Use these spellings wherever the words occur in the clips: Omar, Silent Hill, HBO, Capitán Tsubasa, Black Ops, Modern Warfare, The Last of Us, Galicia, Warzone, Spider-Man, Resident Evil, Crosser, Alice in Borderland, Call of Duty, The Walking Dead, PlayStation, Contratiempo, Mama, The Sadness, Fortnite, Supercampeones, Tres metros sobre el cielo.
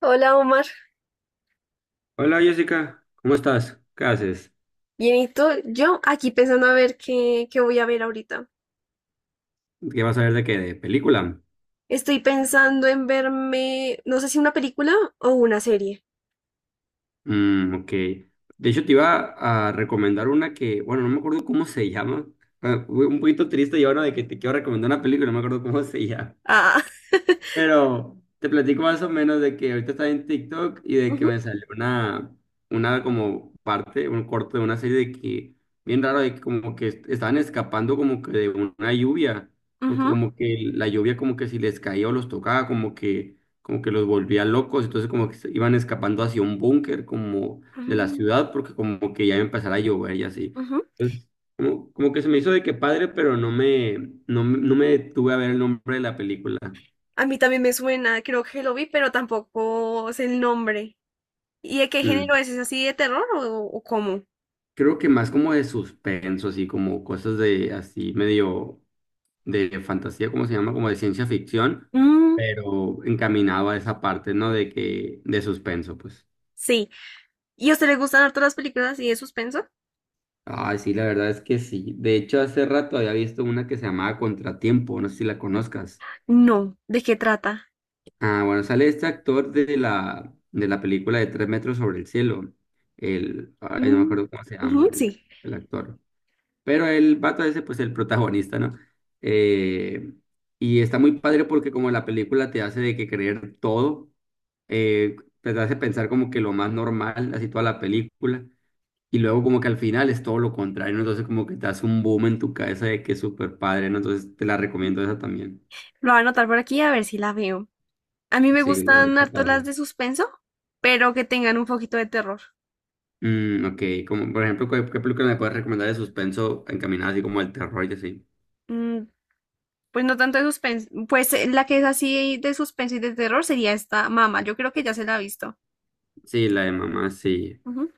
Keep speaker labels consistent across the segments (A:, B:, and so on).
A: Hola Omar,
B: Hola Jessica, ¿cómo estás? ¿Qué haces?
A: bien, ¿y tú? Yo aquí pensando a ver qué voy a ver ahorita.
B: ¿Qué vas a ver de qué? ¿De película?
A: Estoy pensando en verme, no sé si una película o una serie.
B: Mm, ok. De hecho, te iba a recomendar una que, bueno, no me acuerdo cómo se llama. Ah, fue un poquito triste y ahora de que te quiero recomendar una película, no me acuerdo cómo se llama.
A: Ah,
B: Pero te platico más o menos de que ahorita estaba en TikTok y de que
A: ujú,
B: me salió una como parte, un corto de una serie de que, bien raro, de que como que estaban escapando como que de una lluvia, porque
A: ujú,
B: como que la lluvia como que si les caía o los tocaba, como que los volvía locos, entonces como que se iban escapando hacia un búnker como de la
A: ujú,
B: ciudad, porque como que ya iba a empezar a llover y así.
A: ujú.
B: Entonces, como, como que se me hizo de que padre, pero no me, no, no me detuve a ver el nombre de la película.
A: A mí también me suena, creo que lo vi, pero tampoco sé el nombre. ¿Y de qué
B: Mm.
A: género es? ¿Es así de terror o cómo?
B: Creo que más como de suspenso, así como cosas de, así medio de fantasía, ¿cómo se llama? Como de ciencia ficción,
A: Mm,
B: pero encaminado a esa parte, ¿no? De que, de suspenso, pues.
A: sí. ¿Y a usted le gustan harto las películas así de suspenso?
B: Ah, sí, la verdad es que sí. De hecho, hace rato había visto una que se llamaba Contratiempo, no sé si la conozcas.
A: No. ¿De qué trata?
B: Ah, bueno, sale este actor de la película de Tres metros sobre el cielo. El, ay, no me
A: Mm,
B: acuerdo cómo se
A: ujú,
B: llama
A: sí.
B: el actor. Pero el vato ese, pues el protagonista, ¿no? Eh, y está muy padre porque como la película te hace de que creer todo, eh, pues, te hace pensar como que lo más normal, así toda la película, y luego como que al final es todo lo contrario, ¿no? Entonces como que te hace un boom en tu cabeza de que es súper padre, ¿no? Entonces te la recomiendo esa también.
A: Lo voy a anotar por aquí a ver si la veo. A mí me
B: Sí, la verdad
A: gustan
B: está
A: harto las
B: padre.
A: de suspenso, pero que tengan un poquito de terror.
B: Mm, ok, como por ejemplo, ¿qué, qué película me puedes recomendar de suspenso encaminada así como al terror y así?
A: Mm, pues no tanto de suspenso. Pues la que es así de suspenso y de terror sería esta Mama. Yo creo que ya se la ha visto.
B: Sí, la de mamá, sí.
A: Ujú.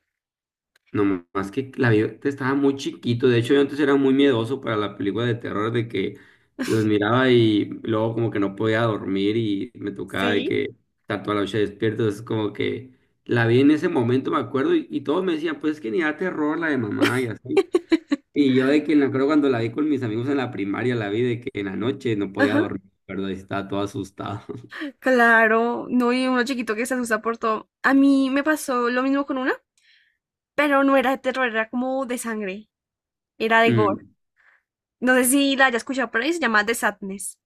B: No, más que la vi, estaba muy chiquito. De hecho, yo antes era muy miedoso para la película de terror, de que los miraba y luego como que no podía dormir y me tocaba de
A: Sí.
B: que estar toda la noche despierto. Es como que la vi en ese momento, me acuerdo, y todos me decían, pues es que ni da terror la de mamá y así. Y yo de que me acuerdo cuando la vi con mis amigos en la primaria, la vi de que en la noche no podía
A: Ajá,
B: dormir, ¿verdad? Y estaba todo asustado.
A: claro, no, y uno chiquito que se asusta por todo. A mí me pasó lo mismo con una, pero no era de terror, era como de sangre, era de gore.
B: Mm,
A: No sé si la haya escuchado por ahí, se llama The Sadness.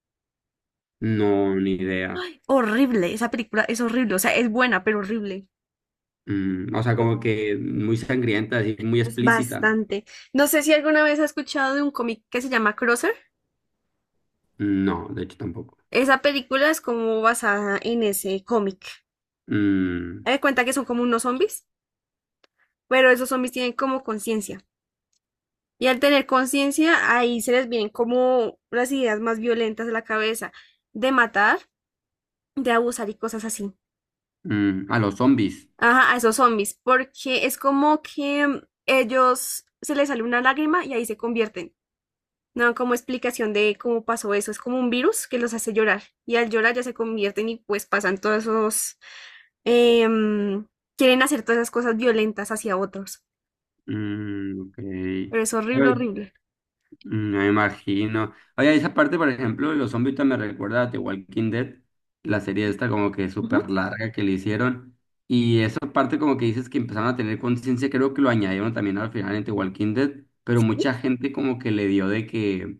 B: no, ni idea.
A: Ay, horrible, esa película es horrible, o sea, es buena, pero horrible.
B: Mm, o sea, como que muy sangrienta, así muy
A: Es
B: explícita, ¿no?
A: bastante. No sé si alguna vez has escuchado de un cómic que se llama Crosser.
B: No, de hecho tampoco.
A: Esa película es como basada en ese cómic.
B: Mm,
A: Haz de cuenta que son como unos zombies, pero esos zombies tienen como conciencia. Y al tener conciencia, ahí se les vienen como las ideas más violentas a la cabeza de matar, de abusar y cosas así.
B: mm, a los zombies.
A: Ajá, a esos zombies, porque es como que ellos se les sale una lágrima y ahí se convierten. No, dan como explicación de cómo pasó eso. Es como un virus que los hace llorar. Y al llorar ya se convierten y pues pasan todos esos... em, quieren hacer todas esas cosas violentas hacia otros.
B: Mm, ok.
A: Pero es horrible,
B: Pues,
A: horrible.
B: mm, me imagino. Oye, esa parte, por ejemplo, de los zombies también me recuerda a The Walking Dead, la serie esta como que
A: Ujú.
B: súper larga que le hicieron. Y esa parte como que dices que empezaron a tener conciencia, creo que lo añadieron también al final en The Walking Dead, pero
A: Sí.
B: mucha gente como que le dio de que...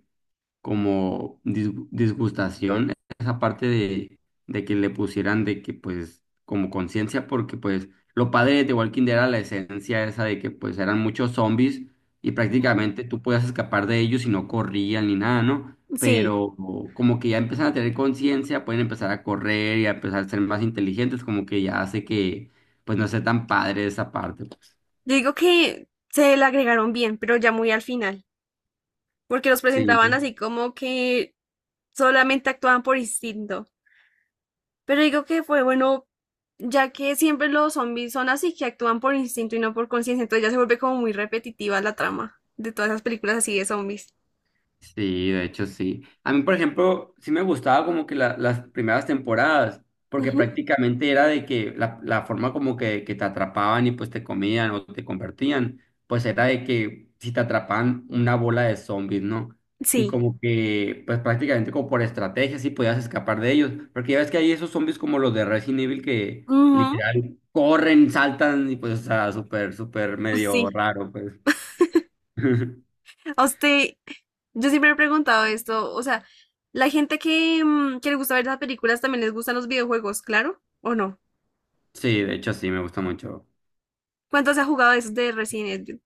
B: como disgustación esa parte de que le pusieran de que pues como conciencia porque pues lo padre de The Walking Dead era la esencia esa de que pues eran muchos zombies y
A: Ujú.
B: prácticamente tú podías escapar de ellos y no corrían ni nada, ¿no?
A: Sí,
B: Pero como que ya empiezan a tener conciencia, pueden empezar a correr y a empezar a ser más inteligentes, como que ya hace que pues no sea tan padre esa parte, pues.
A: yo digo que se la agregaron bien, pero ya muy al final, porque los
B: Sí,
A: presentaban así como que solamente actuaban por instinto. Pero digo que fue bueno, ya que siempre los zombies son así, que actúan por instinto y no por conciencia, entonces ya se vuelve como muy repetitiva la trama de todas esas películas así de zombies.
B: sí, de hecho sí. A mí, por ejemplo, sí me gustaba como que las primeras temporadas, porque
A: Ujú,
B: prácticamente era de que la forma como que te atrapaban y pues te comían o te convertían, pues era de que si te atrapaban una bola de zombies, ¿no? Y
A: sí.
B: como que, pues prácticamente como por estrategia sí podías escapar de ellos, porque ya ves que hay esos zombies como los de Resident Evil que
A: Ujú,
B: literal corren, saltan y pues, o sea, súper, súper
A: pues
B: medio
A: sí.
B: raro, pues.
A: A usted, yo siempre me he preguntado esto, o sea, la gente que, que le gusta ver las películas también les gustan los videojuegos, claro, ¿o no?
B: Sí, de hecho sí, me gusta mucho.
A: ¿Cuántos ha jugado de esos de Resident Evil?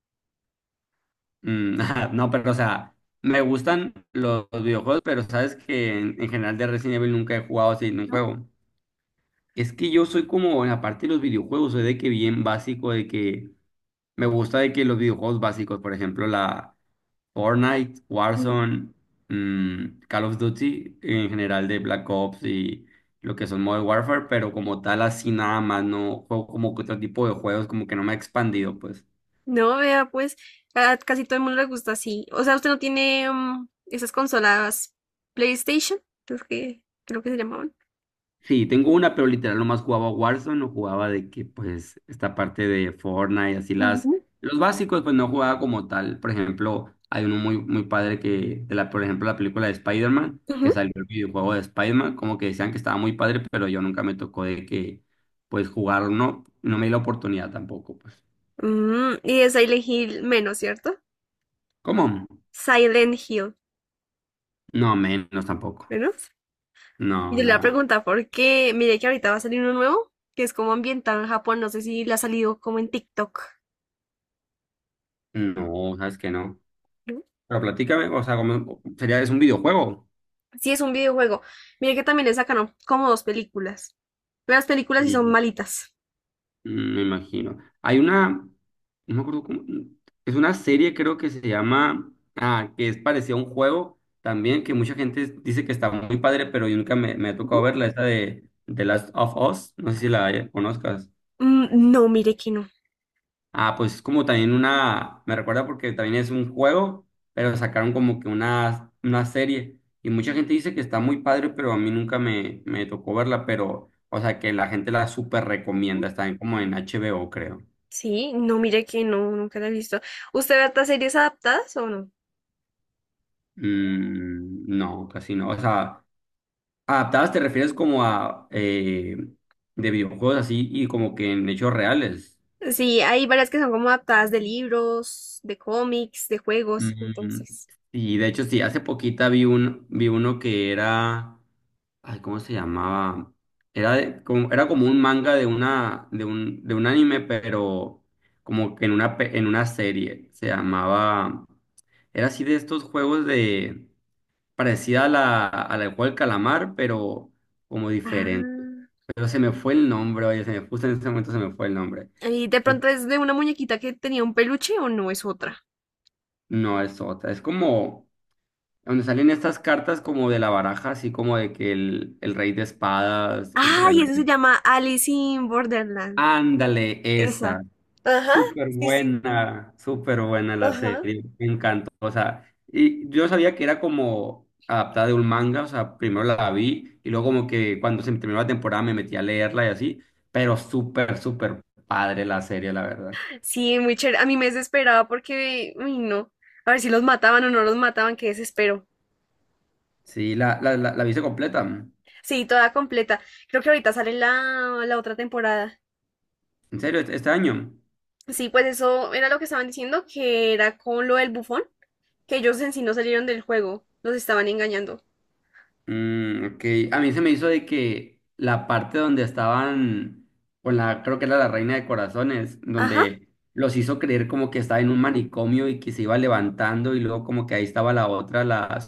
B: Mm, ajá, no, pero o sea, me gustan los videojuegos, pero sabes que en general de Resident Evil nunca he jugado así en un juego. Es que yo soy como en la parte de los videojuegos, soy de que bien básico, de que me gusta de que los videojuegos básicos, por ejemplo, la Fortnite,
A: ¿No?
B: Warzone, Call of Duty, en general de Black Ops y lo que son Modern Warfare, pero como tal así nada más, no juego como que otro tipo de juegos, como que no me ha expandido, pues.
A: No, vea, pues a casi todo el mundo le gusta así. O sea, usted no tiene esas consolas PlayStation, creo que se llamaban.
B: Sí, tengo una, pero literal nomás jugaba Warzone, no jugaba de que, pues, esta parte de Fortnite, así las,
A: Ujú,
B: los básicos, pues no jugaba como tal. Por ejemplo, hay uno muy, muy padre que, de la, por ejemplo, la película de Spider-Man, que
A: ujú.
B: salió el videojuego de Spider-Man, como que decían que estaba muy padre, pero yo nunca me tocó de que, pues, jugarlo, no, no me di la oportunidad tampoco, pues.
A: Mm, y de Silent Hill menos, ¿cierto?
B: ¿Cómo?
A: Silent Hill
B: No, menos tampoco.
A: menos. Y
B: No,
A: yo le voy a
B: no,
A: preguntar por qué. Mire que ahorita va a salir uno nuevo, que es como ambientado en Japón. No sé si le ha salido como en TikTok.
B: no, sabes que no.
A: ¿No?
B: Pero platícame, o sea, como, sería, es un videojuego.
A: Sí, es un videojuego. Mire que también le sacaron como dos películas. Pero las películas sí son malitas.
B: Mm, me imagino. Hay una, no me acuerdo cómo, es una serie creo que se llama, ah, que es parecida a un juego también, que mucha gente dice que está muy padre, pero yo nunca me, me ha tocado
A: Ujú.
B: verla, esta de The Last of Us, no sé si la conozcas.
A: Mm, no, mire que no.
B: Ah, pues es como también una, me recuerda porque también es un juego, pero sacaron como que una serie, y mucha gente dice que está muy padre, pero a mí nunca me, me tocó verla, pero, o sea, que la gente la súper recomienda, está como en HBO, creo.
A: Sí, no, mire que no, nunca la he visto. ¿Usted ve estas series adaptadas o no?
B: Mm, no, casi no. O sea, adaptadas te refieres como a de videojuegos así y como que en hechos reales.
A: Sí, hay varias que son como adaptadas de libros, de cómics, de juegos,
B: Mm,
A: entonces.
B: y de hecho, sí, hace poquita vi un, vi uno que era. Ay, ¿cómo se llamaba? Era, como, era como un manga de una, de un anime, pero como que en una, en una serie. Se llamaba. Era así de estos juegos de. Parecida a la del juego del calamar, pero como diferente.
A: Ah,
B: Pero se me fue el nombre, oye, se me, puso en ese momento se me fue el nombre.
A: ¿y de
B: Fue-
A: pronto es de una muñequita que tenía un peluche o no es otra?
B: No, es otra. Es como donde salen estas cartas como de la baraja, así como de que el rey de espadas, el rey
A: ¡Ay! Eso se
B: de...
A: llama Alice in Borderland.
B: Ándale, esa.
A: Esa. Ajá, sí, sí,
B: Súper buena la
A: ajá.
B: serie. Me encantó. O sea, y yo sabía que era como adaptada de un manga, o sea, primero la vi y luego como que cuando se terminó la temporada me metí a leerla y así, pero súper, súper padre la serie, la verdad.
A: Sí, muy chévere. A mí me desesperaba porque, uy, no. A ver si los mataban o no los mataban, qué desespero.
B: Sí, la viste completa. ¿En
A: Sí, toda completa. Creo que ahorita sale la otra temporada.
B: serio? ¿Este este año?
A: Sí, pues eso era lo que estaban diciendo, que era con lo del bufón, que ellos en sí no salieron del juego, los estaban engañando.
B: Mm, ok. A mí se me hizo de que la parte donde estaban con la, creo que era la Reina de Corazones,
A: Ajá,
B: donde los hizo creer como que estaba en un manicomio y que se iba levantando y luego como que ahí estaba la otra, la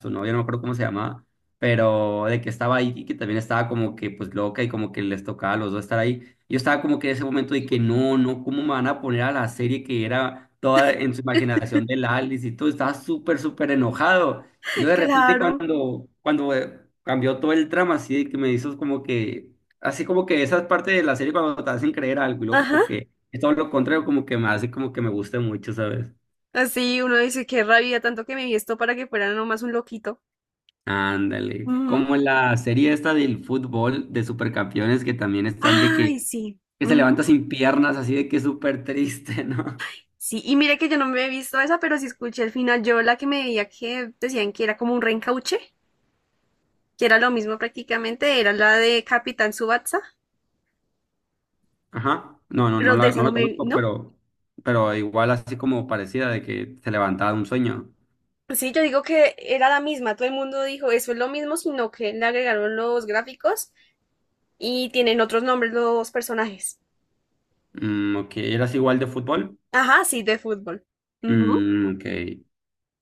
B: su novia, no me acuerdo cómo se llamaba, pero de que estaba ahí y que también estaba como que pues loca y como que les tocaba a los dos estar ahí. Yo estaba como que en ese momento de que no, no, ¿cómo me van a poner a la serie que era toda en su imaginación de la Alice y todo? Estaba súper, súper enojado. Y luego de repente
A: claro,
B: cuando, cuando cambió todo el trama, así de que me hizo como que, así como que esas partes de la serie cuando te hacen creer algo y luego
A: ajá.
B: como que es todo lo contrario, como que me hace como que me guste mucho, ¿sabes?
A: Así uno dice, qué rabia, tanto que me vi esto para que fuera nomás un loquito.
B: Ándale,
A: Ujú.
B: como la serie esta del fútbol de Supercampeones que también están de
A: Ay, sí.
B: que se levanta
A: Ujú.
B: sin piernas, así de que es súper triste, ¿no?
A: Sí, y mire que yo no me he visto esa, pero sí escuché al final, yo la que me veía que decían que era como un reencauche, que era lo mismo prácticamente, era la de Capitán Tsubasa,
B: Ajá, no, no, no
A: pero de
B: la,
A: esa
B: no
A: no
B: la
A: me vi,
B: conozco,
A: ¿no?
B: pero igual así como parecida de que se levantaba de un sueño.
A: Sí, yo digo que era la misma, todo el mundo dijo eso es lo mismo, sino que le agregaron los gráficos y tienen otros nombres los personajes.
B: Mm, ok, ¿eras igual de fútbol?
A: Ajá, sí, de fútbol. Ujú.
B: Mm, ok.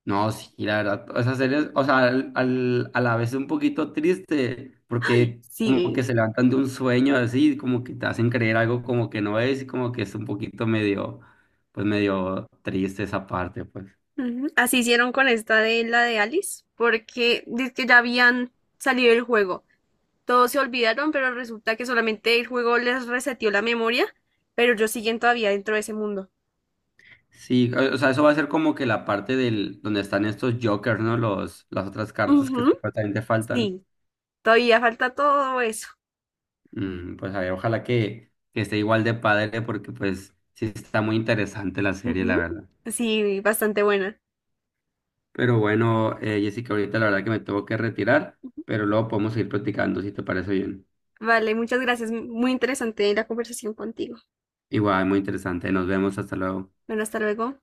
B: No, sí, la verdad, esa serie, o sea, al, a la vez un poquito triste, porque como que
A: Sí,
B: se levantan de un sueño así, como que te hacen creer algo como que no es, y como que es un poquito medio, pues medio triste esa parte, pues.
A: ujú, así hicieron con esta de la de Alice, porque dice que ya habían salido el juego. Todos se olvidaron, pero resulta que solamente el juego les reseteó la memoria, pero ellos siguen todavía dentro de ese mundo.
B: Sí, o sea, eso va a ser como que la parte del, donde están estos jokers, ¿no? Los, las otras cartas que
A: Ujú,
B: supuestamente faltan.
A: sí, todavía falta todo eso.
B: Mm, pues a ver, ojalá que esté igual de padre, porque pues sí está muy interesante la serie, la
A: Ujú,
B: verdad.
A: sí, bastante buena.
B: Pero bueno, Jessica, ahorita la verdad que me tengo que retirar, pero luego podemos seguir platicando si te parece bien.
A: Vale, muchas gracias. Muy interesante la conversación contigo.
B: Igual, muy interesante. Nos vemos. Hasta luego.
A: Bueno, hasta luego.